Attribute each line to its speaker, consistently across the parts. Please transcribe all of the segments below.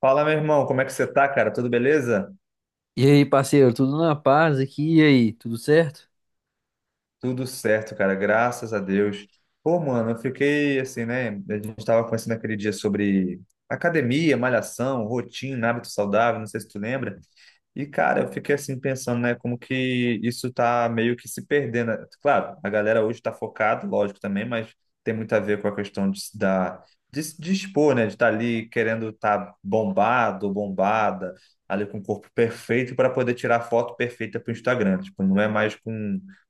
Speaker 1: Fala, meu irmão, como é que você tá, cara? Tudo beleza?
Speaker 2: E aí, parceiro, tudo na paz aqui? E aí, tudo certo?
Speaker 1: Tudo certo, cara, graças a Deus. Pô, mano, eu fiquei assim, né? A gente tava conversando aquele dia sobre academia, malhação, rotina, hábito saudável, não sei se tu lembra. E, cara, eu fiquei assim pensando, né, como que isso tá meio que se perdendo. Claro, a galera hoje tá focada, lógico também, mas tem muito a ver com a questão de, se dispor, né, de estar ali querendo estar bombado, bombada, ali com o corpo perfeito para poder tirar foto perfeita para o Instagram. Tipo, não é mais com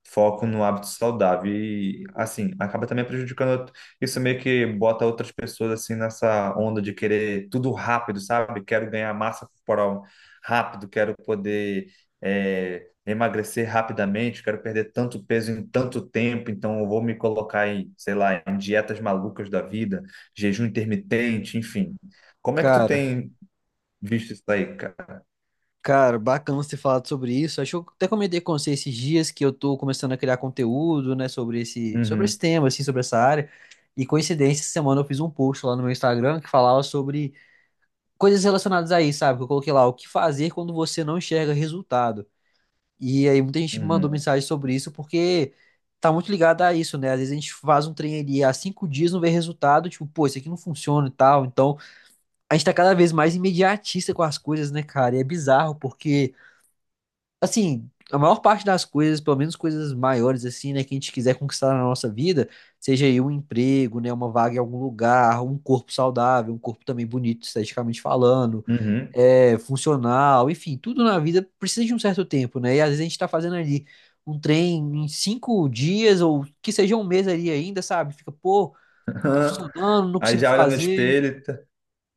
Speaker 1: foco no hábito saudável. E, assim, acaba também prejudicando. Isso meio que bota outras pessoas, assim, nessa onda de querer tudo rápido, sabe? Quero ganhar massa corporal rápido, quero poder emagrecer rapidamente, quero perder tanto peso em tanto tempo, então eu vou me colocar em, sei lá, em dietas malucas da vida, jejum intermitente, enfim. Como é que tu
Speaker 2: Cara,
Speaker 1: tem visto isso aí, cara?
Speaker 2: cara, bacana você falar sobre isso. Acho que eu até comentei com você esses dias que eu tô começando a criar conteúdo, né, sobre esse
Speaker 1: Uhum,
Speaker 2: tema, assim, sobre essa área. E coincidência, essa semana eu fiz um post lá no meu Instagram que falava sobre coisas relacionadas a isso, sabe? Que eu coloquei lá o que fazer quando você não enxerga resultado. E aí muita gente me mandou
Speaker 1: uhum,
Speaker 2: mensagem sobre isso porque tá muito ligado a isso, né? Às vezes a gente faz um trem ali há 5 dias, não vê resultado, tipo, pô, isso aqui não funciona e tal. Então a gente tá cada vez mais imediatista com as coisas, né, cara? E é bizarro, porque, assim, a maior parte das coisas, pelo menos coisas maiores, assim, né, que a gente quiser conquistar na nossa vida, seja aí um emprego, né, uma vaga em algum lugar, um corpo saudável, um corpo também bonito, esteticamente falando,
Speaker 1: uhum.
Speaker 2: funcional, enfim, tudo na vida precisa de um certo tempo, né? E às vezes a gente tá fazendo ali um trem em 5 dias, ou que seja 1 mês ali ainda, sabe? Fica, pô, não tá funcionando, não
Speaker 1: Aí
Speaker 2: consigo
Speaker 1: já olha no
Speaker 2: fazer.
Speaker 1: espelho, tá-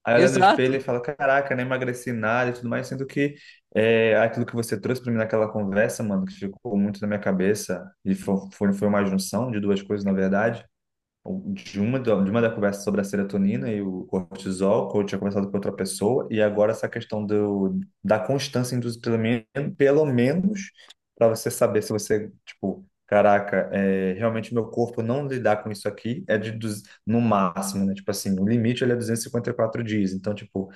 Speaker 1: Aí olha no
Speaker 2: Exato.
Speaker 1: espelho e fala, caraca, nem emagreci nada e tudo mais, sendo que aquilo que você trouxe para mim naquela conversa, mano, que ficou muito na minha cabeça, e foi, uma junção de duas coisas, na verdade, de uma da conversa sobre a serotonina e o cortisol, que eu tinha conversado com outra pessoa, e agora essa questão da constância induzida, pelo menos, para você saber se você, tipo, caraca, realmente meu corpo não lidar com isso aqui, é de, no máximo, né? Tipo assim, o limite ele é 254 dias, então, tipo,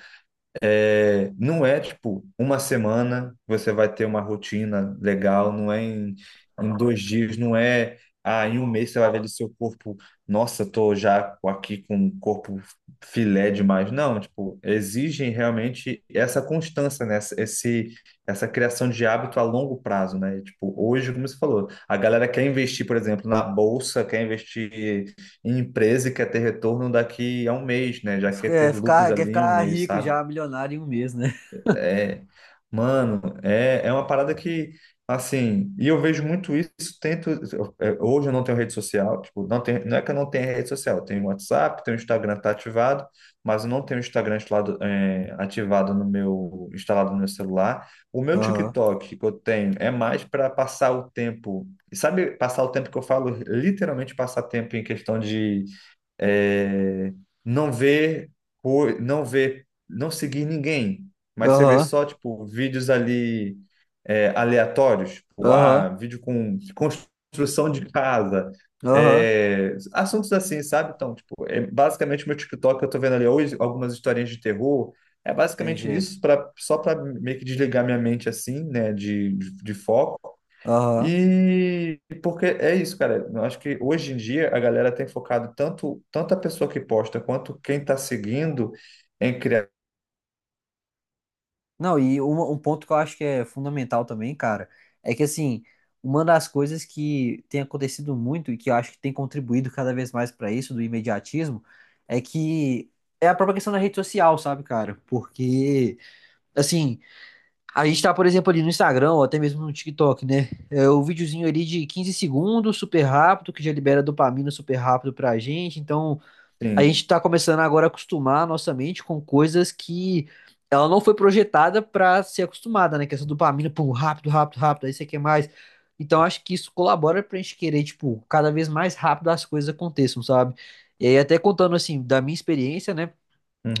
Speaker 1: não é tipo uma semana que você vai ter uma rotina legal, não é em 2 dias, não é em um mês você vai ver ali seu corpo, nossa, tô já aqui com um corpo filé demais. Não, tipo, exigem realmente essa constância, né? Essa criação de hábito a longo prazo, né? E, tipo, hoje, como você falou, a galera quer investir, por exemplo, na bolsa, quer investir em empresa e quer ter retorno daqui a um mês, né? Já quer ter lucros
Speaker 2: Quer
Speaker 1: ali em um
Speaker 2: ficar
Speaker 1: mês,
Speaker 2: rico
Speaker 1: sabe?
Speaker 2: já, milionário em 1 mês, né?
Speaker 1: É, mano, é uma parada que, assim, e eu vejo muito isso, tento, hoje eu não tenho rede social, tipo, não tem, não é que eu não tenha rede social, eu tenho WhatsApp, tenho Instagram tá ativado, mas eu não tenho o Instagram instalado, ativado no meu, instalado no meu celular. O meu
Speaker 2: Aham.
Speaker 1: TikTok que eu tenho é mais para passar o tempo, e sabe, passar o tempo que eu falo, literalmente passar tempo em questão é, não ver, não ver, não seguir ninguém, mas você vê
Speaker 2: Aham.
Speaker 1: só tipo vídeos ali aleatórios, tipo, ah,
Speaker 2: Aham.
Speaker 1: vídeo com construção de casa,
Speaker 2: Aham.
Speaker 1: assuntos assim, sabe? Então, tipo, é basicamente meu TikTok, eu tô vendo ali hoje algumas historinhas de terror. É basicamente
Speaker 2: Entendi.
Speaker 1: nisso, pra, só para meio que desligar minha mente assim, né, de foco.
Speaker 2: Aham.
Speaker 1: E porque é isso, cara. Eu acho que hoje em dia a galera tem focado tanto, tanto a pessoa que posta quanto quem está seguindo em criar.
Speaker 2: Não, e um ponto que eu acho que é fundamental também, cara, é que assim, uma das coisas que tem acontecido muito e que eu acho que tem contribuído cada vez mais pra isso, do imediatismo, é que é a própria questão da rede social, sabe, cara? Porque, assim, a gente tá, por exemplo, ali no Instagram, ou até mesmo no TikTok, né? É o videozinho ali de 15 segundos, super rápido, que já libera dopamina super rápido pra gente. Então, a
Speaker 1: Sim.
Speaker 2: gente tá começando agora a acostumar a nossa mente com coisas que ela não foi projetada pra ser acostumada, né? Que é essa dopamina, pum, rápido, rápido, rápido, aí você quer mais. Então, acho que isso colabora pra gente querer, tipo, cada vez mais rápido as coisas aconteçam, sabe? E aí, até contando, assim, da minha experiência, né?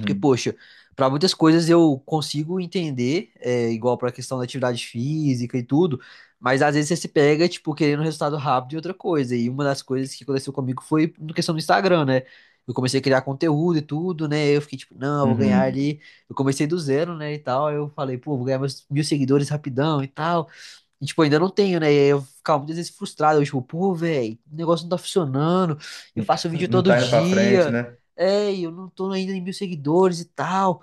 Speaker 2: Porque, poxa, para muitas coisas eu consigo entender, igual para a questão da atividade física e tudo, mas às vezes você se pega, tipo, querendo um resultado rápido e outra coisa. E uma das coisas que aconteceu comigo foi na questão do Instagram, né? Eu comecei a criar conteúdo e tudo, né? Eu fiquei tipo, não, eu vou ganhar
Speaker 1: Uhum.
Speaker 2: ali. Eu comecei do zero, né? E tal. Aí eu falei, pô, vou ganhar meus 1.000 seguidores rapidão e tal. E, tipo, ainda não tenho, né? E aí eu ficava muitas vezes frustrado. Eu, tipo, pô, velho, o negócio não tá funcionando. Eu faço vídeo
Speaker 1: Não
Speaker 2: todo
Speaker 1: tá indo pra frente,
Speaker 2: dia.
Speaker 1: né?
Speaker 2: É, e eu não tô ainda em 1.000 seguidores e tal.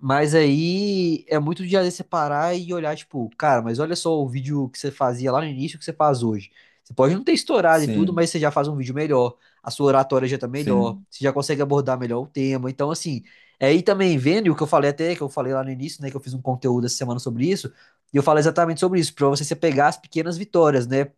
Speaker 2: Mas aí é muito de às vezes, separar e olhar, tipo, cara, mas olha só o vídeo que você fazia lá no início que você faz hoje. Você pode não ter estourado e tudo,
Speaker 1: Sim,
Speaker 2: mas você já faz um vídeo melhor, a sua oratória já tá melhor,
Speaker 1: sim,
Speaker 2: você já consegue abordar melhor o tema. Então, assim, é aí também vendo e o que eu falei até, que eu falei lá no início, né, que eu fiz um conteúdo essa semana sobre isso, e eu falo exatamente sobre isso, pra você se pegar as pequenas vitórias, né?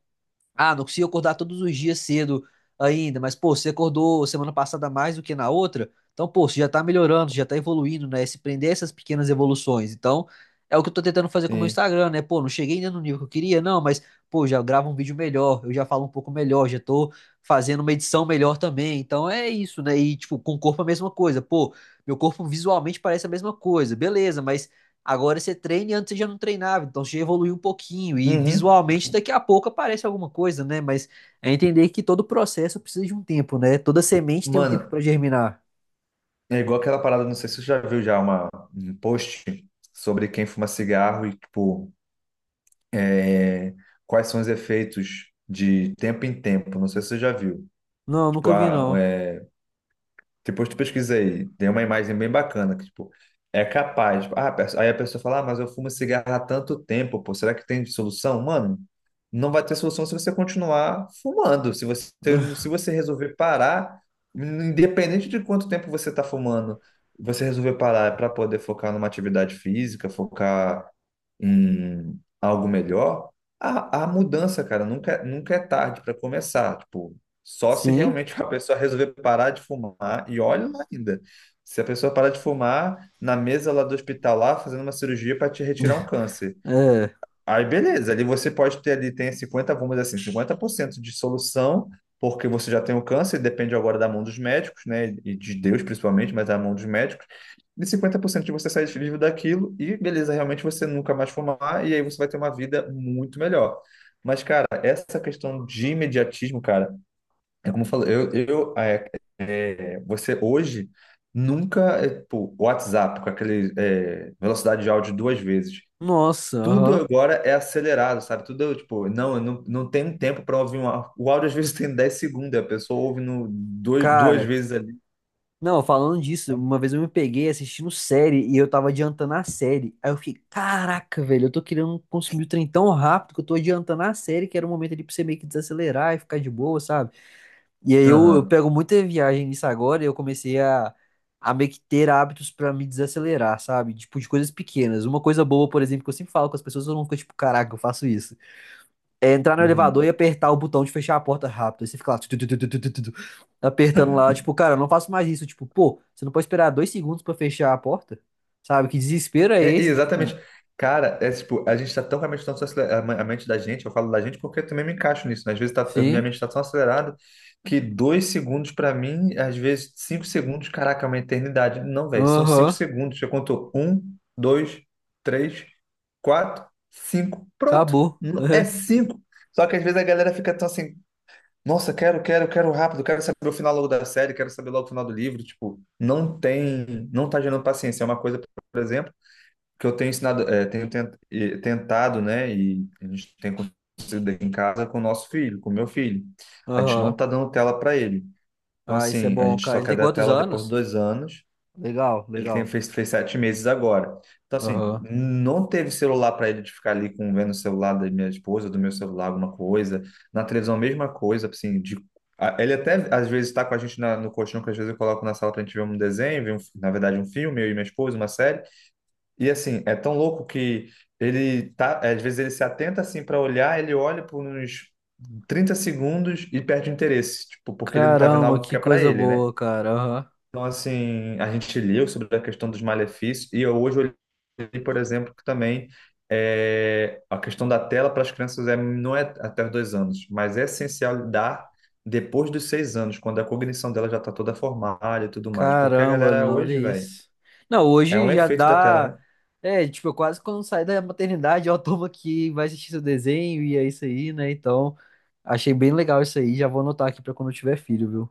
Speaker 2: Ah, não consigo acordar todos os dias cedo ainda, mas, pô, você acordou semana passada mais do que na outra, então, pô, você já tá melhorando, você já tá evoluindo, né? Se prender a essas pequenas evoluções. Então, é o que eu tô tentando fazer com o meu
Speaker 1: sim.
Speaker 2: Instagram, né? Pô, não cheguei ainda no nível que eu queria, não, mas, pô, já gravo um vídeo melhor, eu já falo um pouco melhor, já tô fazendo uma edição melhor também. Então, é isso, né? E, tipo, com o corpo a mesma coisa. Pô, meu corpo visualmente parece a mesma coisa, beleza, mas agora você treina e antes você já não treinava, então você já evoluiu um pouquinho e
Speaker 1: Uhum.
Speaker 2: visualmente daqui a pouco aparece alguma coisa, né? Mas é entender que todo processo precisa de um tempo, né? Toda semente tem um tempo
Speaker 1: Mano,
Speaker 2: pra germinar.
Speaker 1: é igual aquela parada, não sei se você já viu já um post sobre quem fuma cigarro e, tipo, é, quais são os efeitos de tempo em tempo. Não sei se você já viu.
Speaker 2: Não,
Speaker 1: Tipo,
Speaker 2: nunca vi não.
Speaker 1: depois tu pesquisa aí, tem uma imagem bem bacana, que, tipo, é capaz. Tipo, ah, aí a pessoa fala, ah, mas eu fumo cigarro há tanto tempo, pô, será que tem solução? Mano, não vai ter solução se você continuar fumando. Se você, se você resolver parar, independente de quanto tempo você está fumando, você resolver parar para poder focar numa atividade física, focar em algo melhor, a mudança, cara, nunca, nunca é tarde para começar. Tipo, só se
Speaker 2: Sim?
Speaker 1: realmente a pessoa resolver parar de fumar, e olha lá ainda. Se a pessoa parar de fumar na mesa lá do hospital, lá, fazendo uma cirurgia para te retirar um câncer.
Speaker 2: É.
Speaker 1: Aí, beleza, ali você pode ter ali, tem 50, vamos dizer assim, 50% de solução, porque você já tem o câncer, depende agora da mão dos médicos, né? E de Deus principalmente, mas da mão dos médicos. E 50% de você sair vivo daquilo, e beleza, realmente você nunca mais fumar, e aí você vai ter uma vida muito melhor. Mas, cara, essa questão de imediatismo, cara, é como eu falo, eu você hoje nunca, pô, WhatsApp, com aquele velocidade de áudio 2 vezes.
Speaker 2: Nossa,
Speaker 1: Tudo
Speaker 2: aham.
Speaker 1: agora é acelerado, sabe? Tudo, tipo, não tem um tempo para ouvir uma. O áudio às vezes tem 10 segundos, a pessoa ouve no, dois, duas
Speaker 2: Cara,
Speaker 1: vezes ali.
Speaker 2: não, falando disso, uma vez eu me peguei assistindo série e eu tava adiantando a série. Aí eu fiquei, caraca, velho, eu tô querendo consumir o trem tão rápido que eu tô adiantando a série, que era o momento ali pra você meio que desacelerar e ficar de boa, sabe? E aí eu
Speaker 1: Aham.
Speaker 2: pego muita viagem nisso agora e eu comecei a meio que ter hábitos pra me desacelerar, sabe? Tipo, de coisas pequenas. Uma coisa boa, por exemplo, que eu sempre falo com as pessoas, eu não fico tipo, caraca, eu faço isso. É entrar no elevador e
Speaker 1: Uhum.
Speaker 2: apertar o botão de fechar a porta rápido. Aí você fica lá, tu, tu, tu, tu, tu, tu, tu, tu, apertando lá, tipo, cara, eu não faço mais isso. Tipo, pô, você não pode esperar 2 segundos pra fechar a porta? Sabe? Que desespero é
Speaker 1: É, e
Speaker 2: esse? Tipo,
Speaker 1: exatamente. Cara, é tipo, a gente tá tão realmente tão acelerado, a mente da gente, eu falo da gente porque eu também me encaixo nisso, né? Às vezes tá, minha
Speaker 2: sim,
Speaker 1: mente tá tão acelerada que 2 segundos pra mim, às vezes 5 segundos, caraca, é uma eternidade. Não, velho, são cinco
Speaker 2: aham,
Speaker 1: segundos. Eu conto um, dois, três, quatro, cinco, pronto.
Speaker 2: acabou.
Speaker 1: É cinco. Só que às vezes a galera fica tão assim, nossa, quero, quero, quero rápido, quero saber o final logo da série, quero saber logo o final do livro. Tipo, não tem, não tá gerando paciência. É uma coisa, por exemplo que eu tenho ensinado, tenho tentado, né, e a gente tem conseguido aqui em casa com o nosso filho, com o meu filho. A gente não
Speaker 2: Aham.
Speaker 1: está dando tela para ele. Então,
Speaker 2: Ah, isso é
Speaker 1: assim, a
Speaker 2: bom,
Speaker 1: gente
Speaker 2: cara.
Speaker 1: só
Speaker 2: Ele
Speaker 1: quer
Speaker 2: tem
Speaker 1: dar
Speaker 2: quantos
Speaker 1: tela depois de
Speaker 2: anos?
Speaker 1: 2 anos.
Speaker 2: Legal,
Speaker 1: Ele
Speaker 2: legal.
Speaker 1: fez 7 meses agora. Então, assim,
Speaker 2: Aham.
Speaker 1: não teve celular para ele de ficar ali com, vendo o celular da minha esposa, do meu celular, alguma coisa. Na televisão, mesma coisa, assim, Ele até às vezes está com a gente no colchão, que às vezes eu coloco na sala para a gente ver um desenho, ver um na verdade um filme, eu e minha esposa, uma série. E assim, é tão louco que ele tá, às vezes ele se atenta assim para olhar, ele olha por uns 30 segundos e perde o interesse, tipo, porque ele não tá vendo
Speaker 2: Caramba,
Speaker 1: algo
Speaker 2: que
Speaker 1: que é para
Speaker 2: coisa
Speaker 1: ele, né?
Speaker 2: boa, cara. Aham.
Speaker 1: Então assim, a gente leu sobre a questão dos malefícios e eu hoje olhei, por exemplo, que também a questão da tela para as crianças não é até os 2 anos, mas é essencial dar depois dos 6 anos, quando a cognição dela já tá toda formada e tudo mais, porque a
Speaker 2: Caramba,
Speaker 1: galera
Speaker 2: não, olha
Speaker 1: hoje, velho,
Speaker 2: isso. Não,
Speaker 1: é
Speaker 2: hoje
Speaker 1: um
Speaker 2: já
Speaker 1: efeito da tela,
Speaker 2: dá.
Speaker 1: né?
Speaker 2: É, tipo, eu quase quando saio da maternidade, eu tomo aqui, vai assistir seu desenho e é isso aí, né? Então, achei bem legal isso aí. Já vou anotar aqui pra quando eu tiver filho, viu?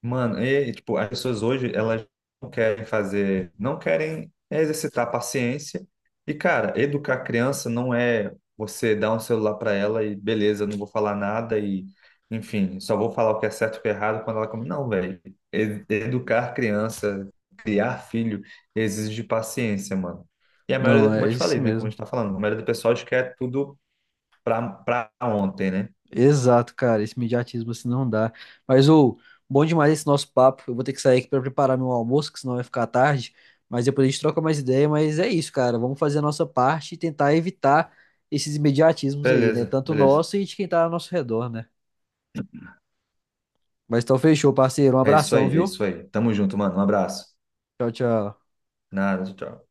Speaker 1: Mano, e tipo, as pessoas hoje, elas não querem fazer, não querem exercitar paciência. E, cara, educar a criança não é você dar um celular para ela e beleza, não vou falar nada e, enfim, só vou falar o que é certo e o que é errado quando ela come. Não, velho. Educar a criança, criar filho, exige paciência, mano. E a maioria,
Speaker 2: Não,
Speaker 1: como eu
Speaker 2: é
Speaker 1: te
Speaker 2: isso
Speaker 1: falei, né? Como a
Speaker 2: mesmo.
Speaker 1: gente tá falando, a maioria do pessoal acho que é tudo pra ontem, né?
Speaker 2: Exato, cara, esse imediatismo assim não dá. Mas ô, bom demais esse nosso papo. Eu vou ter que sair aqui pra preparar meu almoço, que senão vai ficar tarde. Mas depois a gente troca mais ideia. Mas é isso, cara. Vamos fazer a nossa parte e tentar evitar esses imediatismos aí, né?
Speaker 1: Beleza,
Speaker 2: Tanto
Speaker 1: beleza.
Speaker 2: nosso e de quem tá ao nosso redor, né? Mas então fechou, parceiro. Um
Speaker 1: É isso
Speaker 2: abração,
Speaker 1: aí, é
Speaker 2: viu?
Speaker 1: isso aí. Tamo junto, mano. Um abraço.
Speaker 2: Tchau, tchau.
Speaker 1: Nada, tchau.